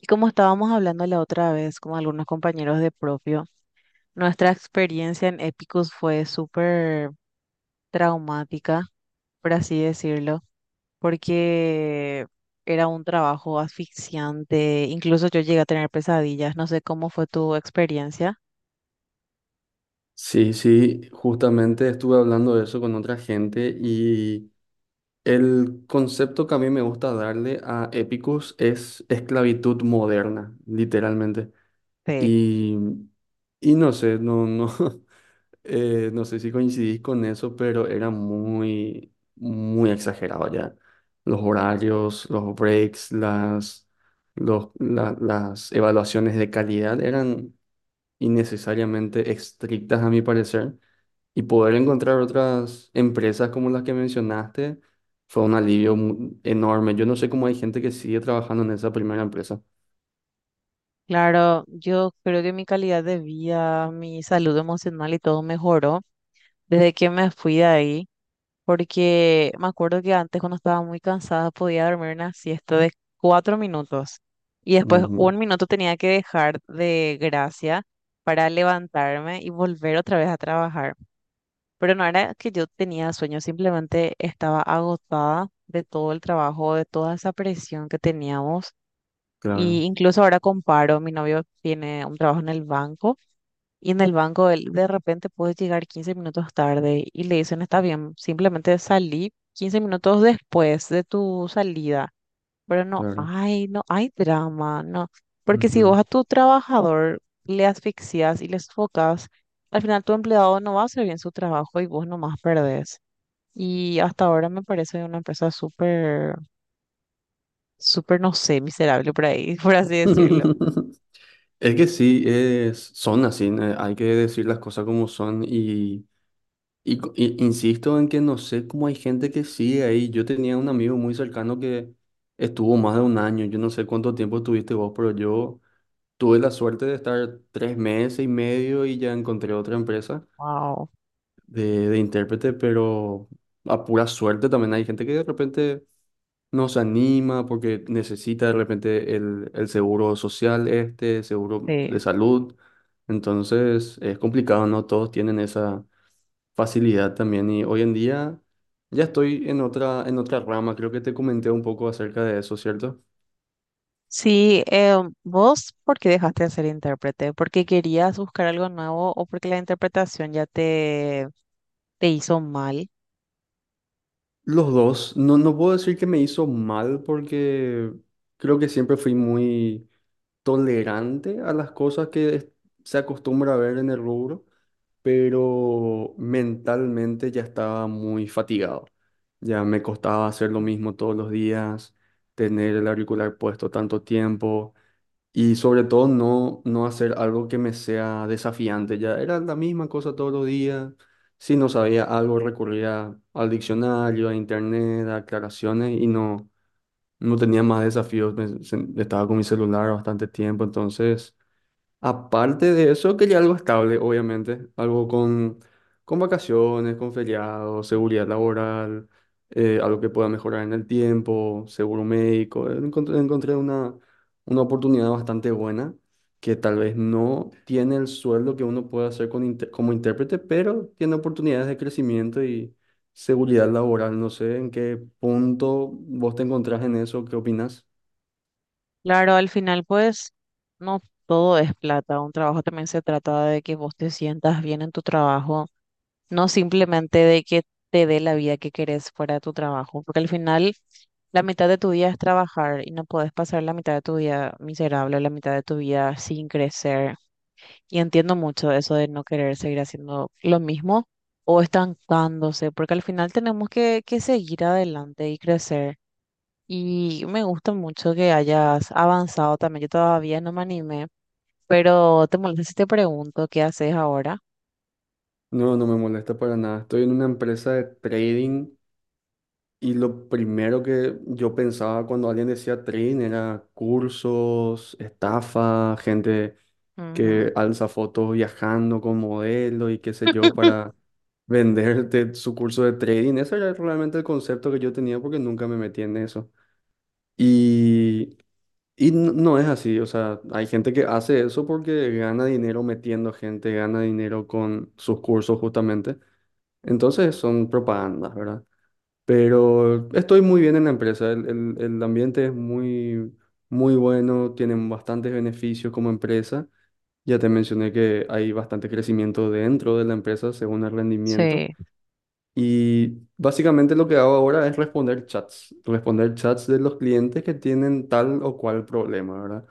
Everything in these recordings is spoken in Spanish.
Y como estábamos hablando la otra vez con algunos compañeros de propio, nuestra experiencia en Epicus fue súper traumática, por así decirlo, porque era un trabajo asfixiante, incluso yo llegué a tener pesadillas, no sé cómo fue tu experiencia. Sí, sí, justamente estuve hablando de eso con otra gente y el concepto que a mí me gusta darle a Épicos es esclavitud moderna, literalmente. Sí. Y, y no sé, no, no, no sé si coincidís con eso, pero era muy, muy exagerado ya. Los horarios, los breaks, las evaluaciones de calidad eran innecesariamente estrictas a mi parecer. Y poder encontrar otras empresas como las que mencionaste fue un alivio enorme. Yo no sé cómo hay gente que sigue trabajando en esa primera empresa. Claro, yo creo que mi calidad de vida, mi salud emocional y todo mejoró desde que me fui de ahí. Porque me acuerdo que antes cuando estaba muy cansada podía dormir una siesta de 4 minutos y después Ujú, un minuto tenía que dejar de gracia para levantarme y volver otra vez a trabajar. Pero no era que yo tenía sueño, simplemente estaba agotada de todo el trabajo, de toda esa presión que teníamos. Y claro, incluso ahora comparo, mi novio tiene un trabajo en el banco. Y en el banco él de repente puedes llegar 15 minutos tarde y le dicen, está bien, simplemente salí 15 minutos después de tu salida. Pero no claro. hay, no hay drama, no. Porque si vos a Ujú. tu trabajador le asfixias y le sofocas, al final tu empleado no va a hacer bien su trabajo y vos nomás perdés. Y hasta ahora me parece una empresa súper, súper, no sé, miserable por ahí, por así decirlo. Es que sí, son así, hay que decir las cosas como son y insisto en que no sé cómo hay gente que sigue ahí. Yo tenía un amigo muy cercano que estuvo más de un año, yo no sé cuánto tiempo estuviste vos, pero yo... Tuve la suerte de estar 3 meses y medio y ya encontré otra empresa Wow, de intérprete, pero a pura suerte también hay gente que de repente no se anima porque necesita de repente el seguro social este, seguro sí. de salud. Entonces es complicado, ¿no? Todos tienen esa facilidad también y hoy en día ya estoy en otra rama. Creo que te comenté un poco acerca de eso, ¿cierto? Sí, vos, ¿por qué dejaste de ser intérprete? ¿Porque querías buscar algo nuevo o porque la interpretación ya te hizo mal? Los dos, no, no puedo decir que me hizo mal porque creo que siempre fui muy tolerante a las cosas que se acostumbra a ver en el rubro, pero mentalmente ya estaba muy fatigado. Ya me costaba hacer lo mismo todos los días, tener el auricular puesto tanto tiempo. Y sobre todo no, no hacer algo que me sea desafiante. Ya era la misma cosa todos los días. Si no sabía algo, recurría al diccionario, a internet, a aclaraciones y no, no tenía más desafíos. Estaba con mi celular bastante tiempo, entonces... Aparte de eso, quería algo estable, obviamente, algo con vacaciones, con feriados, seguridad laboral, algo que pueda mejorar en el tiempo, seguro médico. Encontré una oportunidad bastante buena que tal vez no tiene el sueldo que uno puede hacer con como intérprete, pero tiene oportunidades de crecimiento y seguridad laboral. No sé en qué punto vos te encontrás en eso, ¿qué opinas? Claro, al final, pues, no todo es plata. Un trabajo también se trata de que vos te sientas bien en tu trabajo, no simplemente de que te dé la vida que querés fuera de tu trabajo, porque al final la mitad de tu día es trabajar y no podés pasar la mitad de tu día miserable, la mitad de tu día sin crecer. Y entiendo mucho eso de no querer seguir haciendo lo mismo o estancándose, porque al final tenemos que seguir adelante y crecer. Y me gusta mucho que hayas avanzado también. Yo todavía no me animé, pero te molesta si te pregunto qué haces ahora. No, no me molesta para nada. Estoy en una empresa de trading. Y lo primero que yo pensaba cuando alguien decía Trin era cursos, estafa, gente Ujú. que alza fotos viajando con modelo y qué sé yo para venderte su curso de trading. Ese era realmente el concepto que yo tenía porque nunca me metí en eso. Y, y no, no es así, o sea, hay gente que hace eso porque gana dinero metiendo gente, gana dinero con sus cursos justamente. Entonces son propagandas, ¿verdad? Pero estoy muy bien en la empresa. El ambiente es muy, muy bueno, tienen bastantes beneficios como empresa. Ya te mencioné que hay bastante crecimiento dentro de la empresa según el rendimiento. Sí, Y básicamente lo que hago ahora es responder chats de los clientes que tienen tal o cual problema, ¿verdad?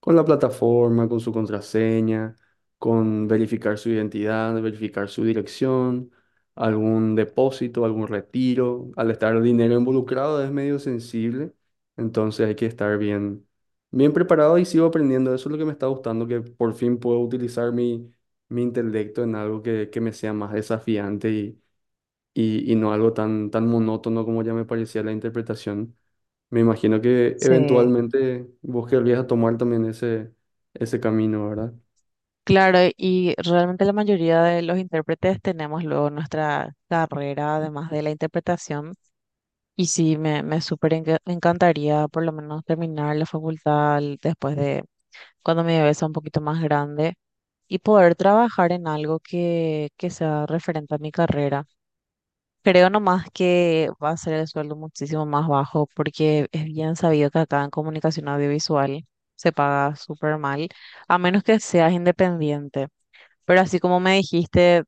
Con la plataforma, con su contraseña, con verificar su identidad, verificar su dirección, algún depósito, algún retiro. Al estar el dinero involucrado es medio sensible, entonces hay que estar bien, bien preparado y sigo aprendiendo. Eso es lo que me está gustando, que por fin puedo utilizar mi intelecto en algo que me sea más desafiante y no algo tan, tan monótono como ya me parecía la interpretación. Me imagino que sí. eventualmente vos querrías a tomar también ese camino, ¿verdad? Claro, y realmente la mayoría de los intérpretes tenemos luego nuestra carrera, además de la interpretación. Y sí, me súper encantaría por lo menos terminar la facultad después de cuando mi bebé sea un poquito más grande y poder trabajar en algo que sea referente a mi carrera. Creo nomás que va a ser el sueldo muchísimo más bajo porque es bien sabido que acá en comunicación audiovisual se paga súper mal, a menos que seas independiente. Pero así como me dijiste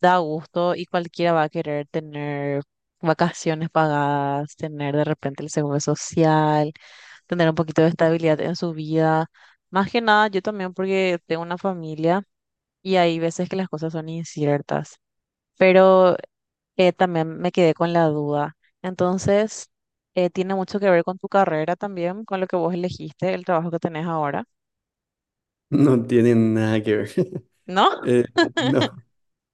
da gusto y cualquiera va a querer tener vacaciones pagadas, tener de repente el seguro social, tener un poquito de estabilidad en su vida. Más que nada, yo también porque tengo una familia y hay veces que las cosas son inciertas, pero también me quedé con la duda. Entonces, tiene mucho que ver con tu carrera también, con lo que vos elegiste, el trabajo que tenés ahora, No tiene nada que ver. ¿no? Eh, no,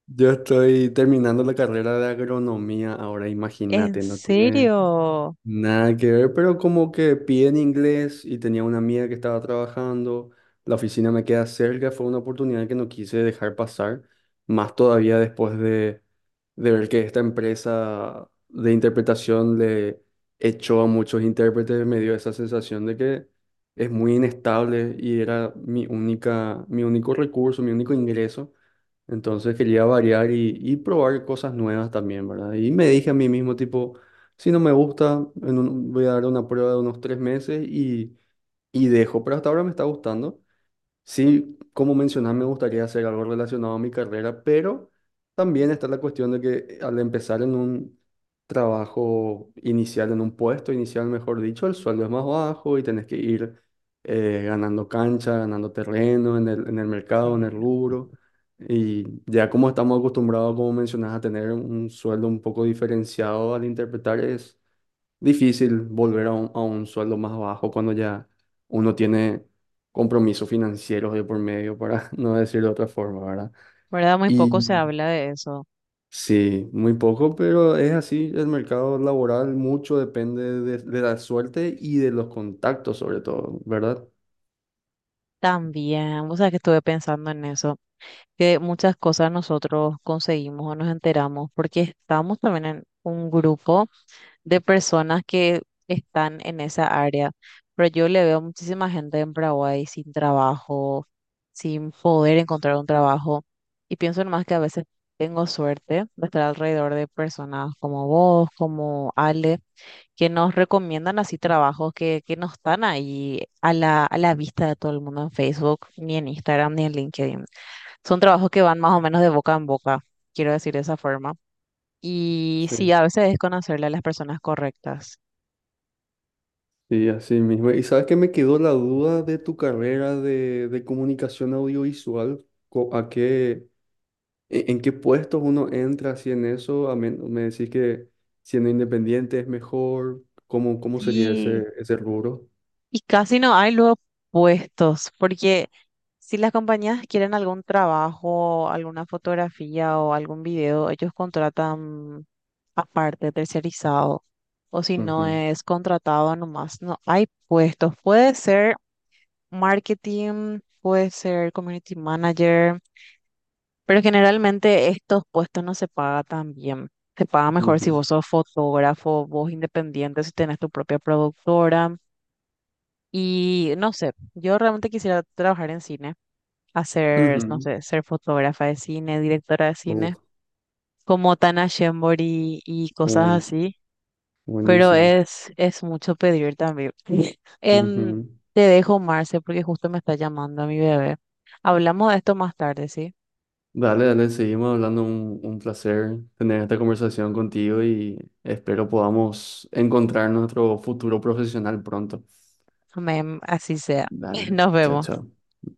yo estoy terminando la carrera de agronomía ahora, ¿En imagínate, no tiene, serio? nada que ver, pero como que piden inglés y tenía una amiga que estaba trabajando, la oficina me queda cerca, fue una oportunidad que no quise dejar pasar, más todavía después de ver que esta empresa de interpretación le echó a muchos intérpretes, me dio esa sensación de que es muy inestable y era mi único recurso, mi único ingreso. Entonces quería variar y probar cosas nuevas también, ¿verdad? Y me dije a mí mismo, tipo... Si no me gusta, voy a dar una prueba de unos 3 meses y dejo, pero hasta ahora me está gustando. Sí, como mencionás, me gustaría hacer algo relacionado a mi carrera, pero también está la cuestión de que al empezar en un trabajo inicial, en un puesto inicial, mejor dicho, el sueldo es más bajo y tenés que ir ganando cancha, ganando terreno en el mercado, en Sí, el rubro. Y ya como estamos acostumbrados, como mencionas a tener un sueldo un poco diferenciado al interpretar, es difícil volver a un sueldo más bajo cuando ya uno tiene compromisos financieros de por medio, para no decir de otra forma, ¿verdad? ¿verdad? Muy poco se Y habla de eso. sí, muy poco, pero es así, el mercado laboral mucho depende de la suerte y de los contactos sobre todo, ¿verdad? También, o sea, que estuve pensando en eso, que muchas cosas nosotros conseguimos o nos enteramos porque estamos también en un grupo de personas que están en esa área, pero yo le veo muchísima gente en Paraguay sin trabajo, sin poder encontrar un trabajo y pienso nomás que a veces tengo suerte de estar alrededor de personas como vos, como Ale que nos recomiendan así trabajos que no están ahí a la vista de todo el mundo en Facebook, ni en Instagram, ni en LinkedIn. Son trabajos que van más o menos de boca en boca, quiero decir de esa forma. Y Sí. sí, a veces es conocerle a las personas correctas. Sí, así mismo. ¿Y sabes que me quedó la duda de tu carrera de comunicación audiovisual? ¿En qué puestos uno entra si en eso? Me decís que siendo independiente es mejor. ¿Cómo sería Sí. ese, ese rubro? Y casi no hay luego puestos, porque si las compañías quieren algún trabajo, alguna fotografía o algún video, ellos contratan aparte, tercerizado, o si no Ujú, es contratado nomás, no hay puestos. Puede ser marketing, puede ser community manager, pero generalmente estos puestos no se paga tan bien. Se paga mejor si ujú, vos sos fotógrafo, vos independiente, si tenés tu propia productora. Y no sé, yo realmente quisiera trabajar en cine, hacer, no ujú. sé, ser fotógrafa de cine, directora de cine, Uf, como Tana Shembori y cosas uh, así, pero buenísimo. es mucho pedir también. Em, Ujú. Te dejo, Marce, porque justo me está llamando mi bebé. Hablamos de esto más tarde, ¿sí? Dale, dale, seguimos hablando. Un placer tener esta conversación contigo y espero podamos encontrar nuestro futuro profesional pronto. Amén, así sea. Dale, Nos chao, vemos. chao.